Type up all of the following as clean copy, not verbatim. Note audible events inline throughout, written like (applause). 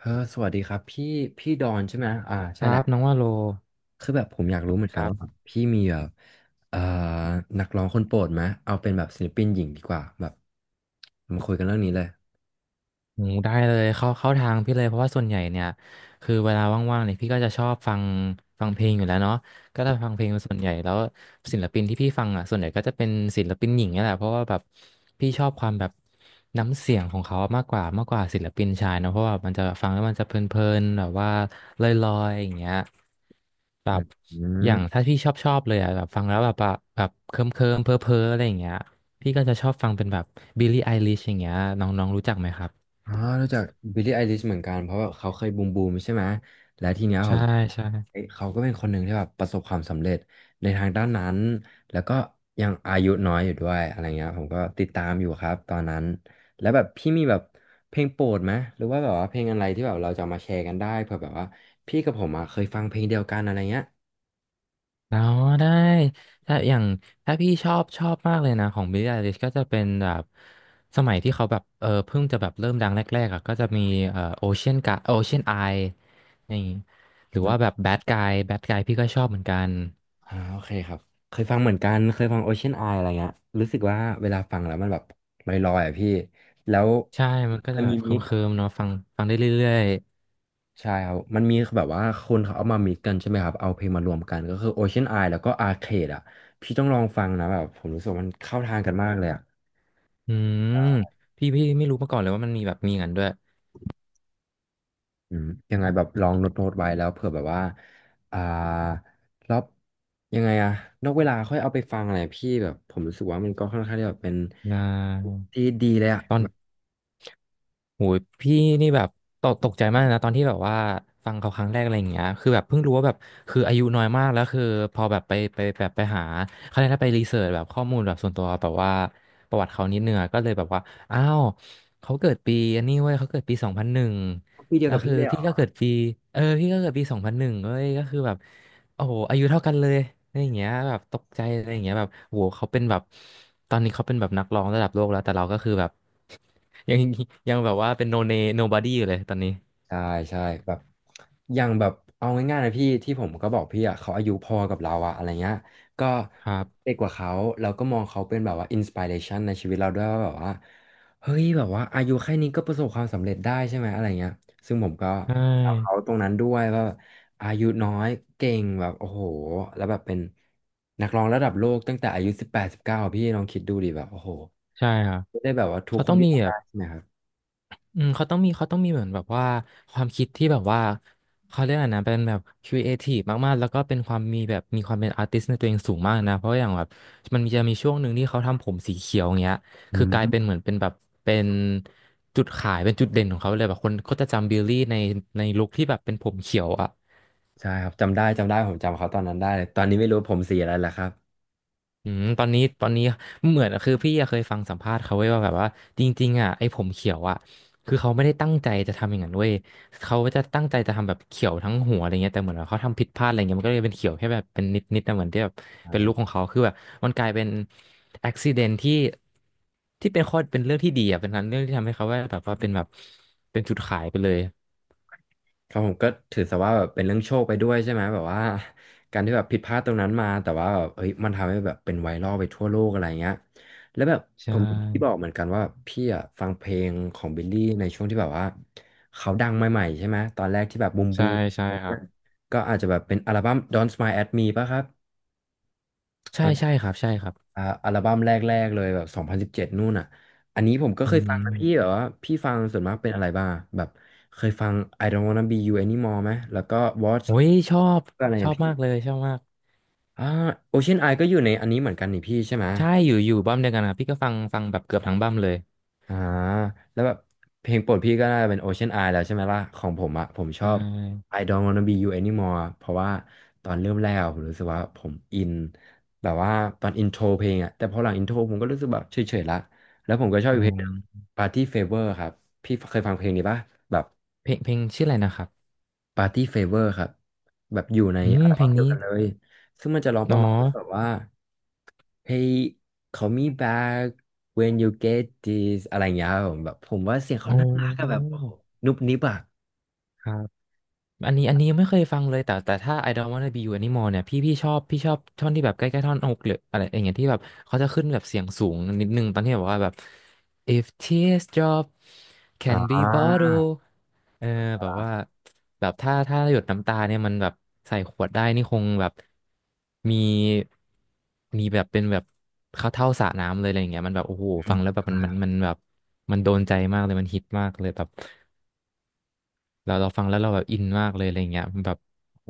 เออสวัสดีครับพี่ดอนใช่ไหม อ่าคใช่รัแหบละ น้องว่าโลคือแบบผมอยากรู้เหมือนคกันรัว่าแบบบ พี่มีแบบเอ่อนักร้องคนโปรดไหม เอาเป็นแบบศิลปินหญิงดีกว่าแบบมาคุยกันเรื่องนี้เลยโอ้ได้เลยเข้าเข้าทางพี่เลยเพราะว่าส่วนใหญ่เนี่ยคือเวลาว่างๆเนี่ยพี่ก็จะชอบฟังฟังเพลงอยู่แล้วเนาะก็จะฟังเพลงเป็นส่วนใหญ่แล้วศิลปินที่พี่ฟังอ่ะส่วนใหญ่ก็จะเป็นศิลปินหญิงเนี่ยแหละเพราะว่าแบบพี่ชอบความแบบน้ำเสียงของเขามากกว่ามากกว่าศิลปินชายเนาะเพราะว่ามันจะฟังแล้วมันจะเพลินๆแบบว่าลอยๆอย่างเงี้ยแบอืบอย่างม ถ้าพี่ชอบชอบเลยอ่ะแบบฟังแล้วแบบว่าแบบเคิมเคิมเพ้อเพ้อๆอะไรอย่างเงี้ยพี่ก็จะชอบฟังเป็นแบบบิลลี่ไอลิชอย่างเงี้ยน้องๆรู้จักไหมครับ อ๋อรู้จักบิลลี่ไอลิชเหมือนกันเพราะว่าเขาเคยบูมบูมใช่ไหม และทีเนี้ยผใช่มใช่เอ้ยเขาก็เป็นคนหนึ่งที่แบบประสบความสำเร็จในทางด้านนั้น แล้วก็ยังอายุน้อยอยู่ด้วยอะไรเงี้ยผมก็ติดตามอยู่ครับตอนนั้น แล้วแบบพี่มีแบบเพลงโปรดไหมหรือว่าแบบว่าเพลงอะไรที่แบบเราจะเอามาแชร์กันได้เผื่อแบบว่าพี่กับผมอ่ะเคยฟังเพลงเดียวกันอะไรเงี้ยแล้วได้ถ้าอย่างถ้าพี่ชอบชอบมากเลยนะของ Billie Eilish ก็จะเป็นแบบสมัยที่เขาแบบเพิ่งจะแบบเริ่มดังแรกๆอ่ะก็จะมีOcean g u Ocean Eye นี่หรืออืมว่าแบบ Bad Guy Bad Guy พี่ก็ชอบเหมือนกันอ่าโอเคครับเคยฟังเหมือนกันเคยฟัง Ocean Eye อะไรเงี้ยรู้สึกว่าเวลาฟังแล้วมันแบบลอยๆอ่ะพี่แล้วใช่ มันก็มัจะนแบมีบเคมิก ิมๆเนาะฟังฟังได้เรื่อยใช่ครับ มันมีแบบว่าคนเขาเอามามิกกันใช่ไหมครับเอาเพลงมารวมกันก็คือ Ocean Eye แล้วก็ Arcade อ่ะพี่ต้องลองฟังนะแบบผมรู้สึกว่ามันเข้าทางกันมากเลยอ่ะๆอืมพี่ไม่รู้มาก่อนเลยว่ามันมีแบบมีอย่างนั้นด้วยอืมยังไงแบบลองโน้ตโน้ตไว้แล้วเผื่อแบบว่าอ่ารอบยังไงอะนอกเวลาค่อยเอาไปฟังอะไรพี่แบบผมรู้สึกว่ามันก็ค่อนข้างที่แบบเป็นนะที่ดีเลยอะตอน แบบโหยพี่นี่แบบตกตกใจมากนะตอนที่แบบว่าฟังเขาครั้งแรกอะไรอย่างเงี้ยคือแบบเพิ่งรู้ว่าแบบคืออายุน้อยมากแล้วคือพอแบบไปไปแบบไปหาเขาเรียกว่าไปรีเสิร์ชแบบข้อมูลแบบส่วนตัวแบบว่าประวัติเขานิดนึงอะก็เลยแบบว่าอ้าวเขาเกิดปีอันนี้เว้ยเขาเกิดปีสองพันหนึ่งพี่เดียแล้ววกับคืพี่อเลยเหรพี่อ ก็เกิดปีพี่ก็เกิดปีสองพันหนึ่งเว้ยก็คือแบบโอ้โหอายุเท่ากันเลยอะไรอย่างเงี้ยแบบตกใจอะไรอย่างเงี้ยแบบโหเขาเป็นแบบตอนนี้เขาเป็นแบบนักร้องระดับโลกแล้วแต่เราก็คือแบบ ยัง (laughs) ยังแบบว่าเป็นโนเน nobody อยู่เลยตอนนี้ใช่ใช่แบบอย่างแบบเอาง่ายๆนะพี่ที่ผมก็บอกพี่อ่ะเขาอายุพอกับเราอะอะไรเงี้ยก็ครับเด็กกว่าเขาเราก็มองเขาเป็นแบบว่าอินสปิเรชันในชีวิตเราด้วยว่าแบบว่าเฮ้ยแบบว่าอายุแค่นี้ก็ประสบความสำเร็จได้ใช่ไหมอะไรเงี้ยซึ่งผมก็ใช่ตามเขาตรงนั้นด้วยว่าอายุน้อยเก่งแบบโอ้โหแล้วแบบเป็นนักร้องระดับโลกตั้งแต่อายุ18-19พี่ลองคิดดูดิแบบโอ้โหใช่ครับไม่ได้แบบว่าทุกเขาคต้นองที่มีทำแบได้บใช่ไหมครับอืมเขาต้องมีเขาต้องมีเหมือนแบบว่าความคิดที่แบบว่าเขาเรียกอะไรนะเป็นแบบครีเอทีฟมากๆแล้วก็เป็นความมีแบบมีความเป็นอาร์ติสในตัวเองสูงมากนะเพราะอย่างแบบมันมีจะมีช่วงหนึ่งที่เขาทำผมสีเขียวอย่างเงี้ยอืคือกลายม เป็นเหมือนเป็นแบบเป็นจุดขายเป็นจุดเด่นของเขาเลยแบบคนก็จะจำบิลลี่ในในลุคที่แบบเป็นผมเขียวอ่ะ ใช่ครับจำได้จำได้ผมจำเขาตอนนั้นได้เลยตอนนี้ไม่รู้ผมสีอะไรแล้วครับอืมตอนนี้ตอนนี้เหมือนคือพี่อะเคยฟังสัมภาษณ์เขาไว้ว่าแบบว่าจริงๆอ่ะไอ้ผมเขียวอ่ะคือเขาไม่ได้ตั้งใจจะทำอย่างนั้นเว้ยเขาจะตั้งใจจะทำแบบเขียวทั้งหัวอะไรเงี้ยแต่เหมือนว่าเขาทำผิดพลาดอะไรเงี้ยมันก็เลยเป็นเขียวแค่แบบเป็นนิดๆิดนะเหมือนที่แบบเป็นลูกของอ่าเขาคือแบบมันกลายเป็นอุบิเหตุที่ที่เป็นข้อเป็นเรื่องที่ดีอ่ะเป็นเรื่องที่ทำให้เขาว่าแบบว่าเป็นแบบเป็นจุดขายไปเลยครับผมก็ถือซะว่าแบบเป็นเรื่องโชคไปด้วยใช่ไหมแบบว่าการที่แบบผิดพลาดตรงนั้นมาแต่ว่าแบบเฮ้ยมันทำให้แบบเป็นไวรัลไปทั่วโลกอะไรเงี้ยแล้วแบบใชผมพที่บอ่กเหมือนกันว่าพี่อะฟังเพลงของบิลลี่ในช่วงที่แบบว่าเขาดังใหม่ๆใช่ไหมตอนแรกที่แบบบูมบูใช่มใช่อะไรครัเงี้บยก็อาจจะแบบเป็นอัลบั้ม Don't Smile at Me ป่ะครับ ใช่ใช่ครับใช่ครับอ่าอัลบั้มแรกๆเลยแบบ2017นู่นอ่ะอันนี้ผมก็อืเคยฟังนะพี่แบมบว่าพี่ฟังส่วนมากเป็นอะไรบ้างแบบเคยฟัง I don't wanna be you anymore ไหมแล้วก็ Watch โอ้ยชอบก็อะไรอชย่าองบพี่มากเลยชอบมาก อ่า Ocean Eye ก็อยู่ในอันนี้เหมือนกันนี่พี่ใช่ไหม ใช่ อยู่ อยู่บั้มเดียวกันครับพี่ก็ฟัง ฟังแบบเกือบทั้งบั้มเลยอ่าแล้วแบบเพลงโปรดพี่ก็น่าจะเป็น Ocean Eye แล้วใช่ไหมล่ะของผมอะผมชใชอบ ่ I don't wanna be you anymore เพราะว่าตอนเริ่มแรกอะผมรู้สึกว่าผมอินแบบว่าตอนอินโทรเพลงอะแต่พอหลังอินโทรผมก็รู้สึกแบบเฉยๆละแล้วผมก็ชอบอ๋อีอกเพลงหนึ่ง Party Favor ครับพี่เคยฟังเพลงนี้ปะแบบ เพลง เพลงชื่ออะไรนะครับ ปาร์ตี้เฟเวอร์ครับแบบอยู่ในอืม อัลเพลบั้มงเดียนี้วกันเลยซึ่งมันจะร้องประเนาะมาณว่าแบบว่า Hey call me back when you get this อะไรอย่างเงี้ยครับผมแบบผมว่าเสียงอ๋เขาน่ารักอะแบบอโอ้โหนุบนิบอะครับ อันนี้อันนี้ยังไม่เคยฟังเลยแต่แต่ถ้า I don't wanna be you anymore เนี่ยพี่ชอบพี่ชอบท่อนที่แบบใกล้ๆท่อนอกหรืออะไรอย่างเงี้ยที่แบบเขาจะขึ้นแบบเสียงสูงนิดนึงตอนที่แบบว่าแบบ if tears drop อ่ can be า bottled เออแบบว่าแบบถ้าถ้าหยดน้ำตาเนี่ยมันแบบใส่ขวดได้นี่คงแบบมีมีแบบเป็นแบบเข้าเท่าสระน้ำเลยอะไรอย่างเงี้ยมันแบบโอ้โหฟังแล้วแบบมันมันมันแบบมันโดนใจมากเลยมันฮิตมากเลยแบบ เราเราฟังแล้วเราแบบอินมากเลยอะไรเงี้ยแบบโห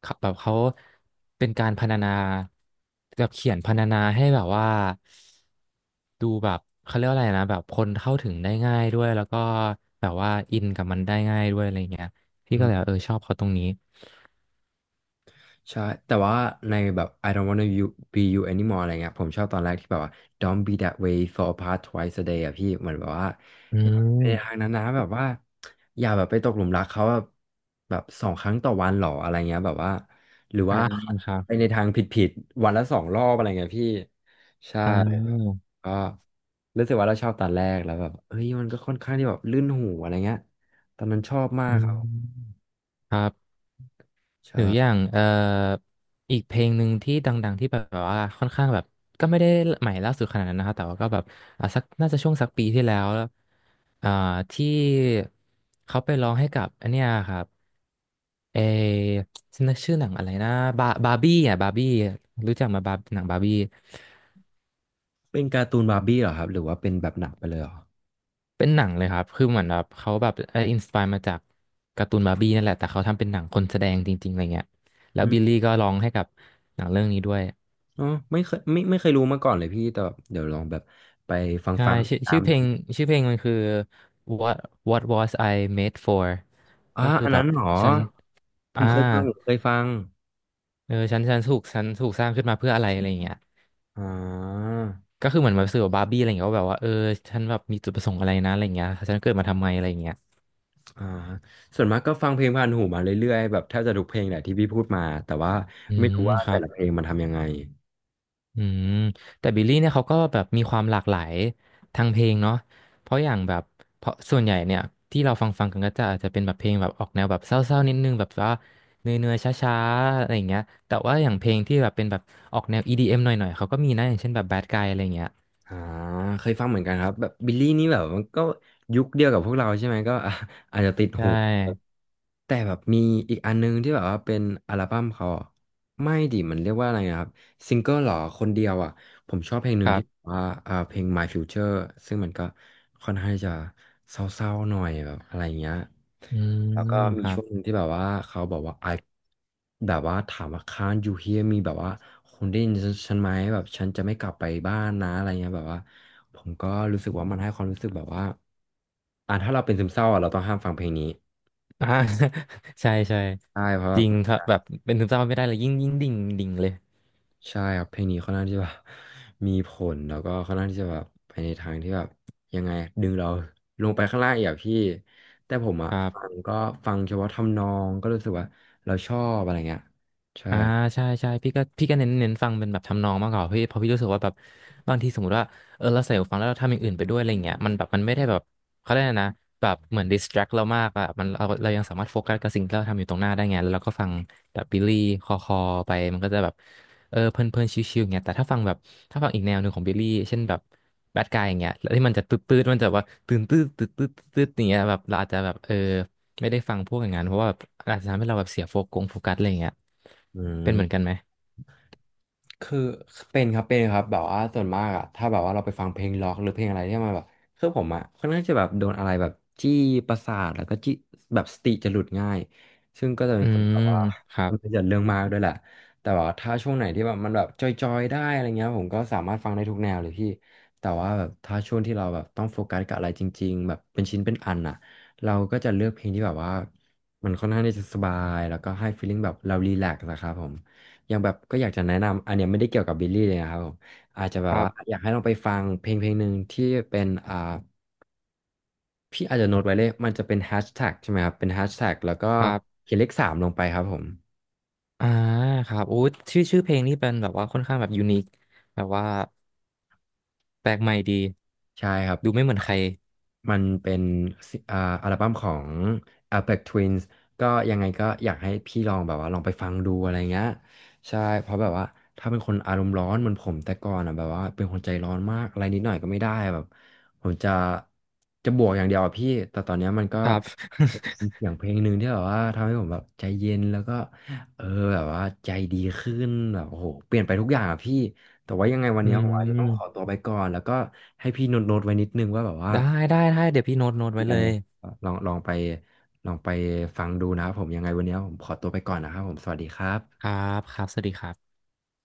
เขาแบบเขาเป็นการพรรณนาแบบเขียนพรรณนาให้แบบว่าดูแบบเขาเรียกว่าอะไรนะแบบคนเข้าถึงได้ง่ายด้วยแล้วก็แบบว่าอินกับมันได้ง่ายด้วยอะไรเงี้ยพี่ก็เลยแบบชอบเขาตรงนี้ใช่แต่ว่าในแบบ I don't wanna you be you anymore อะไรเงี้ยผมชอบตอนแรกที่แบบว่า don't be that way fall apart twice a day อะพี่เหมือนแบบว่าอือย่าไปทามงนั้นนะแบบว่าอย่าแบบไปตกหลุมรักเขาแบบแบบสองครั้งต่อวันหรออะไรเงี้ยแบบว่าหรืออ่าว่า ครั (laughs) ไปบในทางผิดๆวันละสองรอบอะไรเงี้ยพี่ใช่อ่าก็รู้สึกว่าเราชอบตอนแรกแล้วแบบเฮ้ยมันก็ค่อนข้างที่แบบลื่นหูอะไรเงี้ยตอนนั้นชอบมาอืกครับมครับ หใช่รืออย่างอีกเพลงหนึ่งที่ดังๆที่แบบว่าค่อนข้างแบบก็ไม่ได้ใหม่ล่าสุดขนาดนั้นนะครับแต่ว่าก็แบบอ่ะสักน่าจะช่วงสักปีที่แล้วอ่าที่เขาไปร้องให้กับอันเนี้ยครับเอฉันนึกชื่อหนังอะไรนะบาร์บี้อ่ะบาร์บี้รู้จักมาหนังบาร์บี้เป็นการ์ตูนบาร์บี้เหรอครับหรือว่าเป็นแบบหนังไปเลยเหรอ เป็นหนังเลยครับคือเหมือนแบบเขาแบบเอออินสปายมาจากการ์ตูนบาร์บี้นั่นแหละแต่เขาทำเป็นหนังคนแสดงจริงๆอะไรเงี้ยแล้วบิลลี่ก็ร้องให้กับหนังเรื่องนี้ด้วย อ๋อไม่เคยรู้มาก่อนเลยพี่แต่แบบเดี๋ยวลองแบบไปฟังใช่ฟังชื่อตาชื่อมเพดูลงชื่อเพลงมันคือ what what was I made for อ๋อก็คืออันแบนั้บนเหรอฉันผอ่ามเคยฟังผมเคยฟังเออฉันถูกสร้างขึ้นมาเพื่ออะไรอะไรอย่างเงี้ยอ่าก็คือเหมือนแบบสื่อกับบาร์บี้อะไรอย่างเงี้ยว่าแบบว่าเออฉันแบบมีจุดประสงค์อะไรนะอะไรอย่างเงี้ยฉันเกิดมาทำไมอะไรอย่างเงี้ยอ่าส่วนมากก็ฟังเพลงผ่านหูมาเรื่อยๆแบบแทบจะทุกเพลงแหละที่พี่พูดมาแต่ว่าอืไม่มรู้ว่าครัแต่บ ละเพลงมันทำยังไง อืมแต่บิลลี่เนี่ยเขาก็แบบมีความหลากหลายทางเพลงเนาะเพราะอย่างแบบเพราะส่วนใหญ่เนี่ยที่เราฟังกันก็จะอาจจะเป็นแบบเพลงแบบออกแนวแบบเศร้าๆนิดนึงแบบว่าเนื่อยๆช้าๆอะไรอย่างเงี้ยแต่ว่าอย่างเพลงที่แบบเป็นแบบออกแนว EDM หน่อยๆเขาก็มีนะอย่างเช่นแบบ Bad Guy อะไรอย่างเงี้ยอ่าเคยฟังเหมือนกันครับแบบบิลลี่นี่แบบมันก็ยุคเดียวกับพวกเราใช่ไหมก็ (laughs) อ่ะอาจจะติดใชหู่แต่แบบมีอีกอันนึงที่แบบว่าเป็นอัลบั้มเขาอะไม่ดิมันเรียกว่าอะไรนะครับซิงเกิลหรอคนเดียวอ่ะผมชอบเพลงหคนึ่งรัที่แบบบว่าเพลง My Future ซึ่งมันก็ค่อนข้างจะเศร้าๆหน่อยแบบอะไรอย่างเงี้ย อืแล้วมก็มีครัช่บ วงหนึ่งที่แบบว่าเขาบอกว่า I แบบว่าถามว่า can't you hear me แบบว่าคุณได้ยินฉันไหมแบบฉันจะไม่กลับไปบ้านนะอะไรเงี้ยแบบว่าผมก็รู้สึกว่ามันให้ความรู้สึกแบบว่าอ่ะถ้าเราเป็นซึมเศร้าอ่ะเราต้องห้ามฟังเพลงนี้ (laughs) อ่า (laughs) ใช่ใช่ใช่เพราะแบจริบงครับแบบเป็นซึมเศร้าไม่ได้เลยยิ่งดิ่งเลยใช่ครับเพลงนี้ค่อนข้างที่จะแบบมีผลแล้วก็ค่อนข้างที่จะแบบไปในทางที่แบบยังไงดึงเราลงไปข้างล่างอีกอะพี่แต่ผมอ่ะครัฟับ งก็ฟังเฉพาะทำนองก็รู้สึกว่าเราชอบอะไรเงี้ยใช่อ่าใช่ใช่พี่ก็เน้นฟังเป็นแบบทำนองมากกว่าพี่เพราะพี่รู้สึกว่าแบบบางทีสมมติว่าเออเราใส่หูฟังแล้วเราทำอย่างอื่นไปด้วยอะไรเงี้ยมันแบบมันไม่ได้แบบเขาเรียกอะไรนะแบบเหมือนดิสแทรกเรามากอะมันเรายังสามารถโฟกัสกับสิ่งที่เราทำอยู่ตรงหน้าได้ไงแล้วเราก็ฟังแบบบิลลี่คอคอไปมันก็จะแบบเออเพลินเพลินชิวๆเงี้ยแต่ถ้าฟังแบบถ้าฟังอีกแนวหนึ่งของบิลลี่เช่นแบบแบดกายอย่างเงี้ยแล้วที่มันจะตืดตืดมันจะแบบว่าตื่นตืดตืดตืดตืดอย่างเงี้ยแบบเราอาจจะแบบเออไม่ได้ฟังพวกอย่างนั้นเพราะว่าอาจจะทำให้เราแบบเสียโฟกัสโฟกัสอะไรเงี้ย อืเป็นเหมือนกันม ไหมคือเป็นครับเป็นครับแบบว่าส่วนมากอะถ้าแบบว่าเราไปฟังเพลงร็อกหรือเพลงอะไรที่มันแบบคือผมอะค่อนข้างจะแบบโดนอะไรแบบจี้ประสาทแล้วก็จี้แบบสติจะหลุดง่ายซึ่งก็จะเป็อืนคนแบมบว่าครัคบ นที่จะเรื่องมากด้วยแหละแต่ว่าถ้าช่วงไหนที่แบบมันแบบจอยๆได้อะไรเงี้ยผมก็สามารถฟังได้ทุกแนวเลยพี่แต่ว่าแบบถ้าช่วงที่เราแบบต้องโฟกัสกับอะไรจริงๆแบบเป็นชิ้นเป็นอันอะเราก็จะเลือกเพลงที่แบบว่ามันค่อนข้างที่จะสบายแล้วก็ให้ฟีลลิ่งแบบเรารีแลกซ์นะครับผม อย่างแบบก็อยากจะแนะนำ อันเนี้ยไม่ได้เกี่ยวกับบิลลี่เลยนะครับผมอาจจะแบคบรัว่าบ อยากให้ลองไปฟังเพลงหนึ่งที่เป็นพี่อาจจะโน้ตไว้เลย มันจะเป็นแฮชแท็กใช่ไหมครับ เป็นแฮชแท็กแล้วก็ครับเขียนเลขสามลงไปครับผม อ่าครับโอ้ยชื่อเพลงนี่เป็นแบบว่าค่อนข้างแบบยูนิคแบบว่าแปลกใหม่ดี ใช่ครับ ดูไม่เหมือนใครมันเป็นซิอัลบั้มของ Aphex Twins ก็ยังไงก็อยากให้พี่ลองแบบว่าลองไปฟังดูอะไรเงี้ย ใช่เพราะแบบว่าถ้าเป็นคนอารมณ์ร้อนเหมือนผมแต่ก่อนอ่ะแบบว่าเป็นคนใจร้อนมาก อะไรนิดหน่อยก็ไม่ได้แบบผมจะบวกอย่างเดียวอะพี่ แต่ตอนเนี้ยมันก็ครับ มีเสียงเพลงหนึ่งที่แบบว่าทำให้ผมแบบใจเย็นแล้วก็เออแบบว่าใจดีขึ้นแบบโอ้โหเปลี่ยนไปทุกอย่างอ่ะพี่ แต่ว่ายังไงวั (laughs) นอืเนี้ยผมอาจจะมต้องขอตัวไปก่อนแล้วก็ให้พี่โน้ตโน้ตไว้นิดนึงว่าแบบว่าได้ ได้ ได้ เดี๋ยวพี่โน้ตไว้เรียเลนยเนี่ยลองลองไปลองไปฟังดูนะครับผมยังไงวันเนี้ยผมขอตัวไปก่อนนะครับผมสวัสดีครับครับครับ สวัสดีครับ